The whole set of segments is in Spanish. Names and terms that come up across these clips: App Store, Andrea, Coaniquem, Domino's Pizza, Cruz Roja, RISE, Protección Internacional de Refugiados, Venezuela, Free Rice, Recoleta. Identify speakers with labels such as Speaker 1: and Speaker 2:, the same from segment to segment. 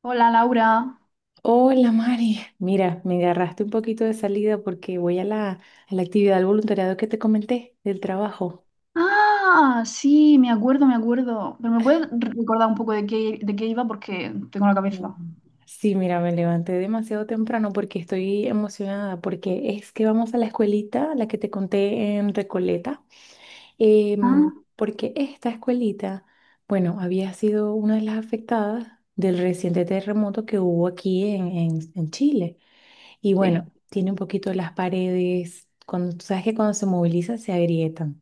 Speaker 1: Hola Laura.
Speaker 2: Hola Mari, mira, me agarraste un poquito de salida porque voy a la actividad del voluntariado que te comenté del trabajo.
Speaker 1: Ah, sí, me acuerdo, me acuerdo. Pero me puedes recordar un poco de qué iba porque tengo la
Speaker 2: No.
Speaker 1: cabeza.
Speaker 2: Sí, mira, me levanté demasiado temprano porque estoy emocionada porque es que vamos a la escuelita, la que te conté en Recoleta,
Speaker 1: Ah,
Speaker 2: porque esta escuelita, bueno, había sido una de las afectadas del reciente terremoto que hubo aquí en Chile. Y
Speaker 1: sí.
Speaker 2: bueno, tiene un poquito las paredes, cuando, tú sabes que cuando se moviliza se agrietan.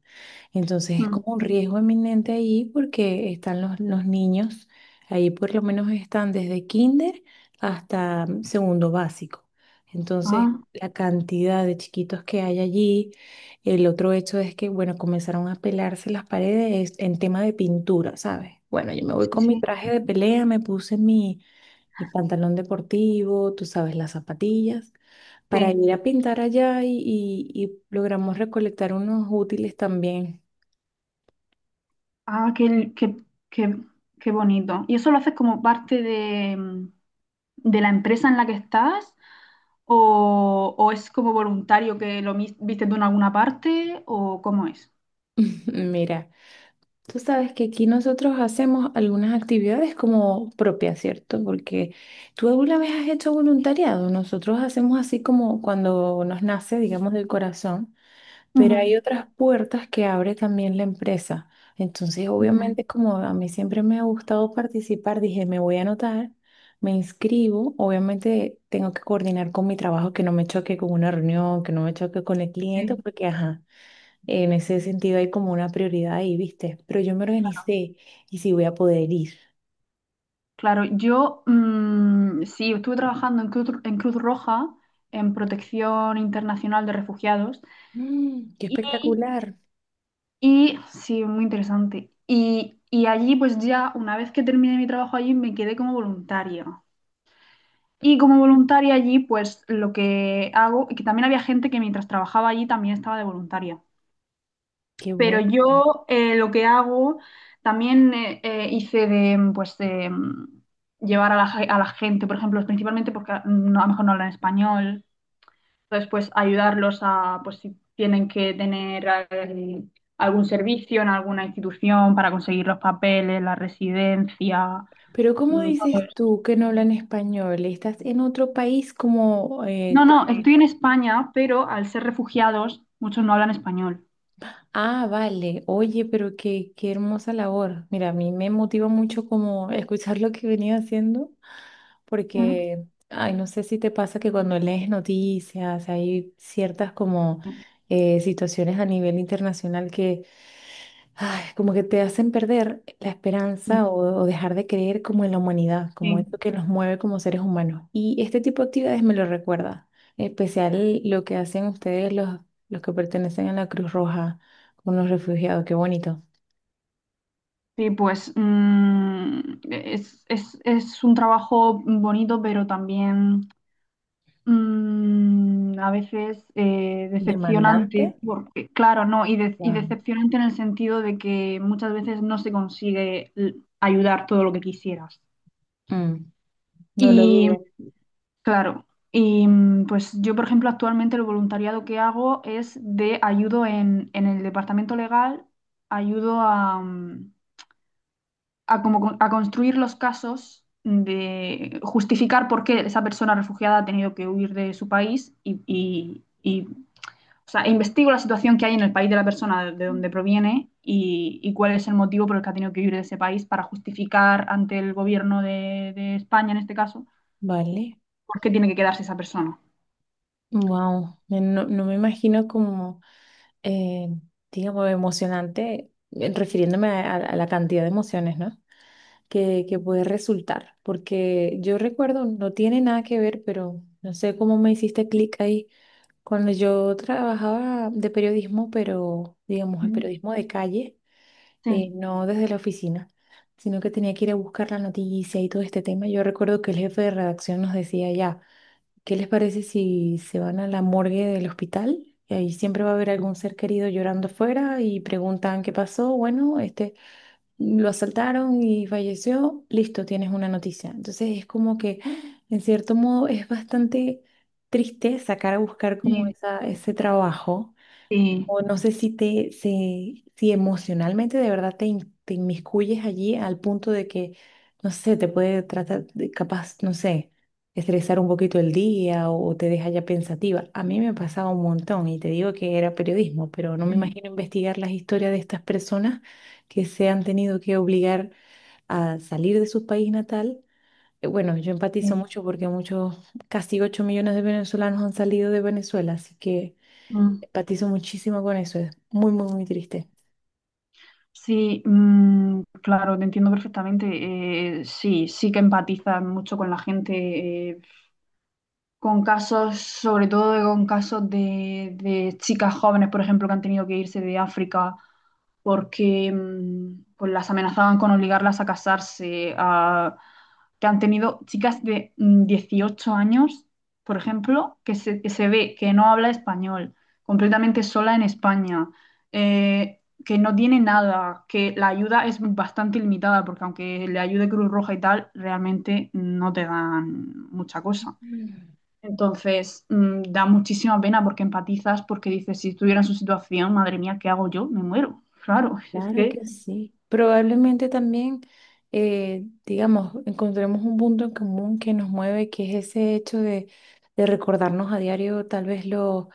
Speaker 2: Entonces es
Speaker 1: Mm.
Speaker 2: como un riesgo eminente ahí porque están los niños, ahí por lo menos están desde kinder hasta segundo básico. Entonces
Speaker 1: Ah,
Speaker 2: la cantidad de chiquitos que hay allí, el otro hecho es que, bueno, comenzaron a pelarse las paredes en tema de pintura, ¿sabes? Bueno, yo me
Speaker 1: sí,
Speaker 2: voy con mi
Speaker 1: sí,
Speaker 2: traje de pelea, me puse mi, mi pantalón deportivo, tú sabes, las zapatillas para
Speaker 1: sí.
Speaker 2: ir a pintar allá y logramos recolectar unos útiles también.
Speaker 1: Ah, qué, qué, qué, qué bonito. ¿Y eso lo haces como parte de, de la empresa en la que estás? O es como voluntario que viste tú en alguna parte? ¿O cómo es?
Speaker 2: Mira, tú sabes que aquí nosotros hacemos algunas actividades como propias, ¿cierto? Porque tú alguna vez has hecho voluntariado. Nosotros hacemos así como cuando nos nace,
Speaker 1: Ujú,
Speaker 2: digamos, del corazón. Pero hay otras puertas que abre también la empresa. Entonces,
Speaker 1: ujú,
Speaker 2: obviamente, como a mí siempre me ha gustado participar, dije, me voy a anotar, me inscribo. Obviamente, tengo que coordinar con mi trabajo, que no me choque con una reunión, que no me choque con el cliente,
Speaker 1: sí,
Speaker 2: porque, ajá, en ese sentido hay como una prioridad ahí, ¿viste? Pero yo me
Speaker 1: claro.
Speaker 2: organicé y sí voy a poder ir.
Speaker 1: Claro, yo sí, estuve trabajando en Cruz Roja, en Protección Internacional de Refugiados,
Speaker 2: Mm, qué
Speaker 1: y,
Speaker 2: espectacular,
Speaker 1: y sí, muy interesante. Y allí, pues ya, una vez que terminé mi trabajo allí, me quedé como voluntaria. Y como voluntaria allí, pues lo que hago, y que también había gente que mientras trabajaba allí también estaba de voluntaria.
Speaker 2: qué
Speaker 1: Pero
Speaker 2: bueno.
Speaker 1: yo lo que hago también hice de, pues, de llevar a la, a la gente, por ejemplo, principalmente porque no, a lo mejor no hablan español, entonces pues ayudarlos a, pues si tienen que tener algún servicio en alguna institución para conseguir los papeles, la residencia,
Speaker 2: Pero ¿cómo
Speaker 1: mm, todo
Speaker 2: dices
Speaker 1: eso.
Speaker 2: tú que no hablan español? ¿Estás en otro país como
Speaker 1: No, no, estoy en España, pero al ser refugiados, muchos no hablan español.
Speaker 2: Ah, vale. Oye, pero qué, qué hermosa labor. Mira, a mí me motiva mucho como escuchar lo que venía haciendo,
Speaker 1: Mm.
Speaker 2: porque, ay, no sé si te pasa que cuando lees noticias hay ciertas como situaciones a nivel internacional ay, como que te hacen perder la
Speaker 1: Sí,
Speaker 2: esperanza o dejar de creer como en la humanidad, como
Speaker 1: sí.
Speaker 2: esto que nos mueve como seres humanos. Y este tipo de actividades me lo recuerda, en especial lo que hacen ustedes los que pertenecen a la Cruz Roja con los refugiados, qué bonito.
Speaker 1: Sí, pues es, es un trabajo bonito, pero también a veces
Speaker 2: Demandante,
Speaker 1: decepcionante, porque, claro, no, y, y
Speaker 2: wow.
Speaker 1: decepcionante en el sentido de que muchas veces no se consigue ayudar todo lo que quisieras.
Speaker 2: Mm, no lo
Speaker 1: Y
Speaker 2: dudo.
Speaker 1: claro, y pues yo, por ejemplo, actualmente el voluntariado que hago es de ayudo en el departamento legal, ayudo a, como, a construir los casos de justificar por qué esa persona refugiada ha tenido que huir de su país y, o sea, investigo la situación que hay en el país de la persona de donde proviene y cuál es el motivo por el que ha tenido que huir de ese país para justificar ante el gobierno de España, en este caso,
Speaker 2: Vale,
Speaker 1: por qué tiene que quedarse esa persona.
Speaker 2: wow, no, no me imagino como, eh, digamos, emocionante, refiriéndome a la cantidad de emociones, no que, que puede resultar, porque yo recuerdo, no tiene nada que ver, pero no sé cómo me hiciste clic ahí, cuando yo trabajaba de periodismo, pero digamos el
Speaker 1: Ujú.
Speaker 2: periodismo de calle,
Speaker 1: Sí,
Speaker 2: no desde la oficina, sino que tenía que ir a buscar la noticia y todo este tema, yo recuerdo que el jefe de redacción nos decía ya, ¿qué les parece si se van a la morgue del hospital? Y ahí siempre va a haber algún ser querido llorando afuera y preguntan qué pasó. Bueno, este lo asaltaron y falleció, listo, tienes una noticia. Entonces es como que, en cierto modo, es bastante triste sacar a buscar como
Speaker 1: sí,
Speaker 2: esa, ese trabajo
Speaker 1: sí,
Speaker 2: o no sé si si emocionalmente de verdad te inmiscuyes allí al punto de que, no sé, te puede tratar de capaz, no sé, estresar un poquito el día o te deja ya pensativa. A mí me pasaba un montón y te digo que era periodismo, pero no me
Speaker 1: sí,
Speaker 2: imagino investigar las historias de estas personas que se han tenido que obligar a salir de su país natal. Bueno, yo empatizo
Speaker 1: sí.
Speaker 2: mucho porque muchos, casi 8 millones de venezolanos han salido de Venezuela, así que...
Speaker 1: Mm.
Speaker 2: Patizo muchísimo con eso, es muy, muy, muy triste.
Speaker 1: Sí, claro, te entiendo perfectamente. Sí, sí que empatizas mucho con la gente con casos, sobre todo con casos de chicas jóvenes, por ejemplo, que han tenido que irse de África porque pues las amenazaban con obligarlas a casarse, a- que han tenido chicas de 18 años, por ejemplo, que se ve que no habla español, completamente sola en España, que no tiene nada, que la ayuda es bastante limitada, porque aunque le ayude Cruz Roja y tal, realmente no te dan mucha cosa.
Speaker 2: Mm.
Speaker 1: Entonces, da muchísima pena porque empatizas, porque dices, si estuviera en su situación, madre mía, ¿qué hago yo? Me muero. Claro, es
Speaker 2: Claro
Speaker 1: que...
Speaker 2: que sí. Probablemente también, digamos, encontremos un punto en común que nos mueve, que es ese hecho de recordarnos a diario, tal vez lo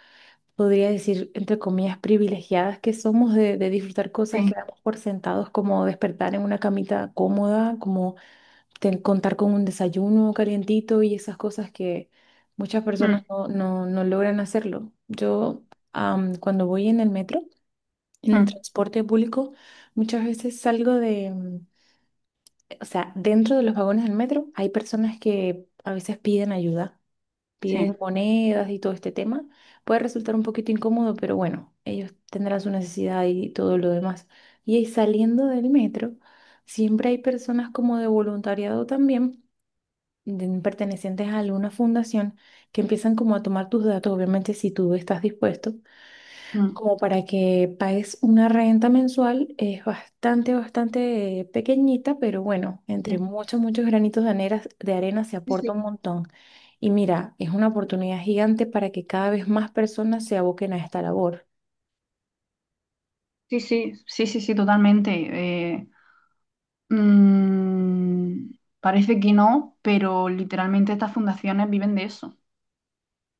Speaker 2: podría decir, entre comillas, privilegiadas que somos de disfrutar cosas
Speaker 1: Sí,
Speaker 2: que damos por sentados, como despertar en una camita cómoda, como contar con un desayuno calientito y esas cosas que muchas
Speaker 1: mm,
Speaker 2: personas no logran hacerlo. Yo, cuando voy en el metro, en el
Speaker 1: mm,
Speaker 2: transporte público, muchas veces salgo de, o sea, dentro de los vagones del metro hay personas que a veces piden ayuda, piden
Speaker 1: sí,
Speaker 2: monedas y todo este tema. Puede resultar un poquito incómodo, pero bueno, ellos tendrán su necesidad y todo lo demás. Y ahí saliendo del metro, siempre hay personas como de voluntariado también pertenecientes a alguna fundación que empiezan como a tomar tus datos, obviamente si tú estás dispuesto,
Speaker 1: mm,
Speaker 2: como para que pagues una renta mensual, es bastante, bastante pequeñita, pero bueno, entre
Speaker 1: sí,
Speaker 2: muchos, muchos granitos de arena se aporta un
Speaker 1: sí,
Speaker 2: montón. Y mira, es una oportunidad gigante para que cada vez más personas se aboquen a esta labor.
Speaker 1: sí, sí, sí, sí, sí, totalmente. Eh, mm, parece que no, pero literalmente estas fundaciones viven de eso.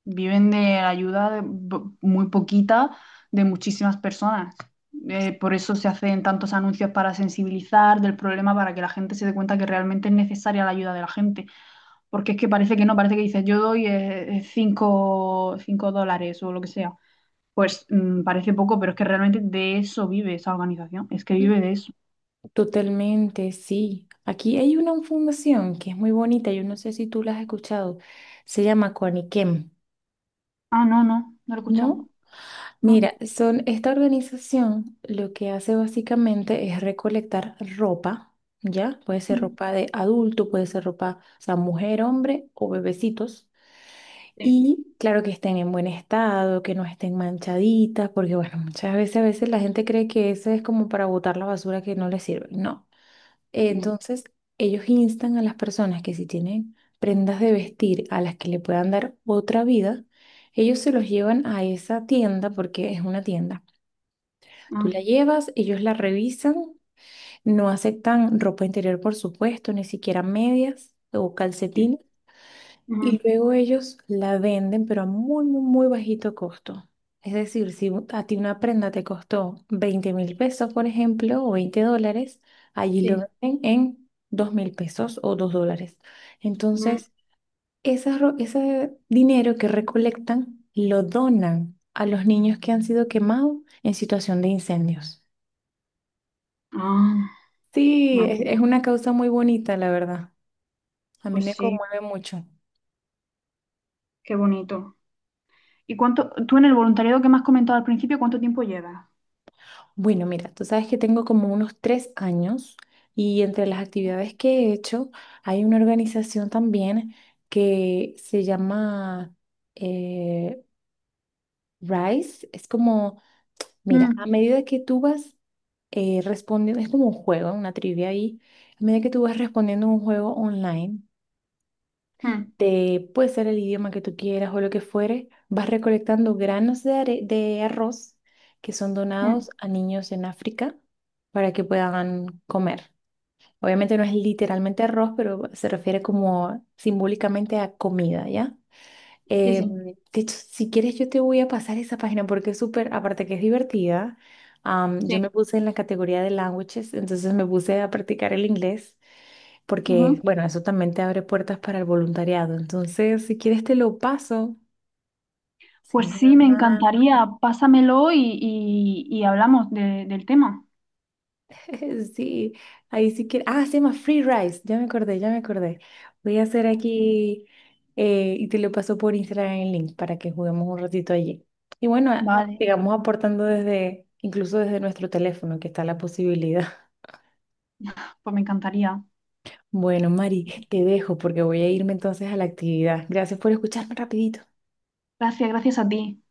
Speaker 1: Viven de ayuda de muy poquita de muchísimas personas. Por eso se hacen tantos anuncios para sensibilizar del problema, para que la gente se dé cuenta que realmente es necesaria la ayuda de la gente. Porque es que parece que no, parece que dices, yo doy cinco, $5 o lo que sea. Pues parece poco, pero es que realmente de eso vive esa organización. Es que
Speaker 2: Mm.
Speaker 1: vive de eso.
Speaker 2: Totalmente, sí. Aquí hay una fundación que es muy bonita, yo no sé si tú la has escuchado, se llama Coaniquem,
Speaker 1: Ah, no, no, no lo he escuchado.
Speaker 2: ¿no?
Speaker 1: No.
Speaker 2: Mira, son esta organización lo que hace básicamente es recolectar ropa, ¿ya? Puede ser
Speaker 1: Mm,
Speaker 2: ropa de adulto, puede ser ropa, o sea, mujer, hombre o bebecitos.
Speaker 1: sí.
Speaker 2: Y claro que estén en buen estado, que no estén manchaditas, porque bueno, muchas veces a veces la gente cree que eso es como para botar la basura que no les sirve. No.
Speaker 1: Mm,
Speaker 2: Entonces, ellos instan a las personas que si tienen prendas de vestir a las que le puedan dar otra vida, ellos se los llevan a esa tienda porque es una tienda Tú
Speaker 1: ah,
Speaker 2: la llevas, ellos la revisan, no aceptan ropa interior, por supuesto, ni siquiera medias o
Speaker 1: sí.
Speaker 2: calcetines, y
Speaker 1: Ujú,
Speaker 2: luego ellos la venden, pero a muy, muy, muy bajito costo. Es decir, si a ti una prenda te costó 20.000 pesos, por ejemplo, o 20 dólares, allí
Speaker 1: sí.
Speaker 2: lo venden en 2.000 pesos o 2 dólares.
Speaker 1: Mm,
Speaker 2: Entonces, ese dinero que recolectan lo donan a los niños que han sido quemados en situación de incendios.
Speaker 1: ah,
Speaker 2: Sí,
Speaker 1: vale,
Speaker 2: es una causa muy bonita, la verdad. A mí
Speaker 1: pues
Speaker 2: me
Speaker 1: sí.
Speaker 2: conmueve mucho.
Speaker 1: Qué bonito. ¿Y cuánto, tú en el voluntariado que me has comentado al principio, cuánto tiempo llevas?
Speaker 2: Bueno, mira, tú sabes que tengo como unos 3 años y entre las actividades que he hecho hay una organización también que se llama eh, RISE. Es como, mira, a
Speaker 1: Mm,
Speaker 2: medida que tú vas respondiendo, es como un juego, una trivia ahí, a medida que tú vas respondiendo un juego online.
Speaker 1: mm,
Speaker 2: De, puede ser el idioma que tú quieras o lo que fuere, vas recolectando granos de, de arroz que son
Speaker 1: mm.
Speaker 2: donados a niños en África para que puedan comer. Obviamente no es literalmente arroz, pero se refiere como simbólicamente a comida, ¿ya?
Speaker 1: Sí, sí,
Speaker 2: De hecho, si quieres yo te voy a pasar esa página porque es súper, aparte que es divertida, yo
Speaker 1: sí.
Speaker 2: me puse en la categoría de languages, entonces me puse a practicar el inglés
Speaker 1: Ujú.
Speaker 2: porque, bueno, eso también te abre puertas para el voluntariado. Entonces, si quieres, te lo paso. Se
Speaker 1: Pues sí, me
Speaker 2: llama,
Speaker 1: encantaría. Pásamelo y, y hablamos del tema.
Speaker 2: sí, ahí si quieres. Ah, se llama Free Rice. Ya me acordé, ya me acordé. Voy a hacer aquí y te lo paso por Instagram el link para que juguemos un ratito allí. Y bueno,
Speaker 1: Vale,
Speaker 2: sigamos aportando desde, incluso desde nuestro teléfono, que está la posibilidad.
Speaker 1: pues me encantaría.
Speaker 2: Bueno, Mari, te dejo porque voy a irme entonces a la actividad. Gracias por escucharme rapidito.
Speaker 1: Gracias, gracias a ti.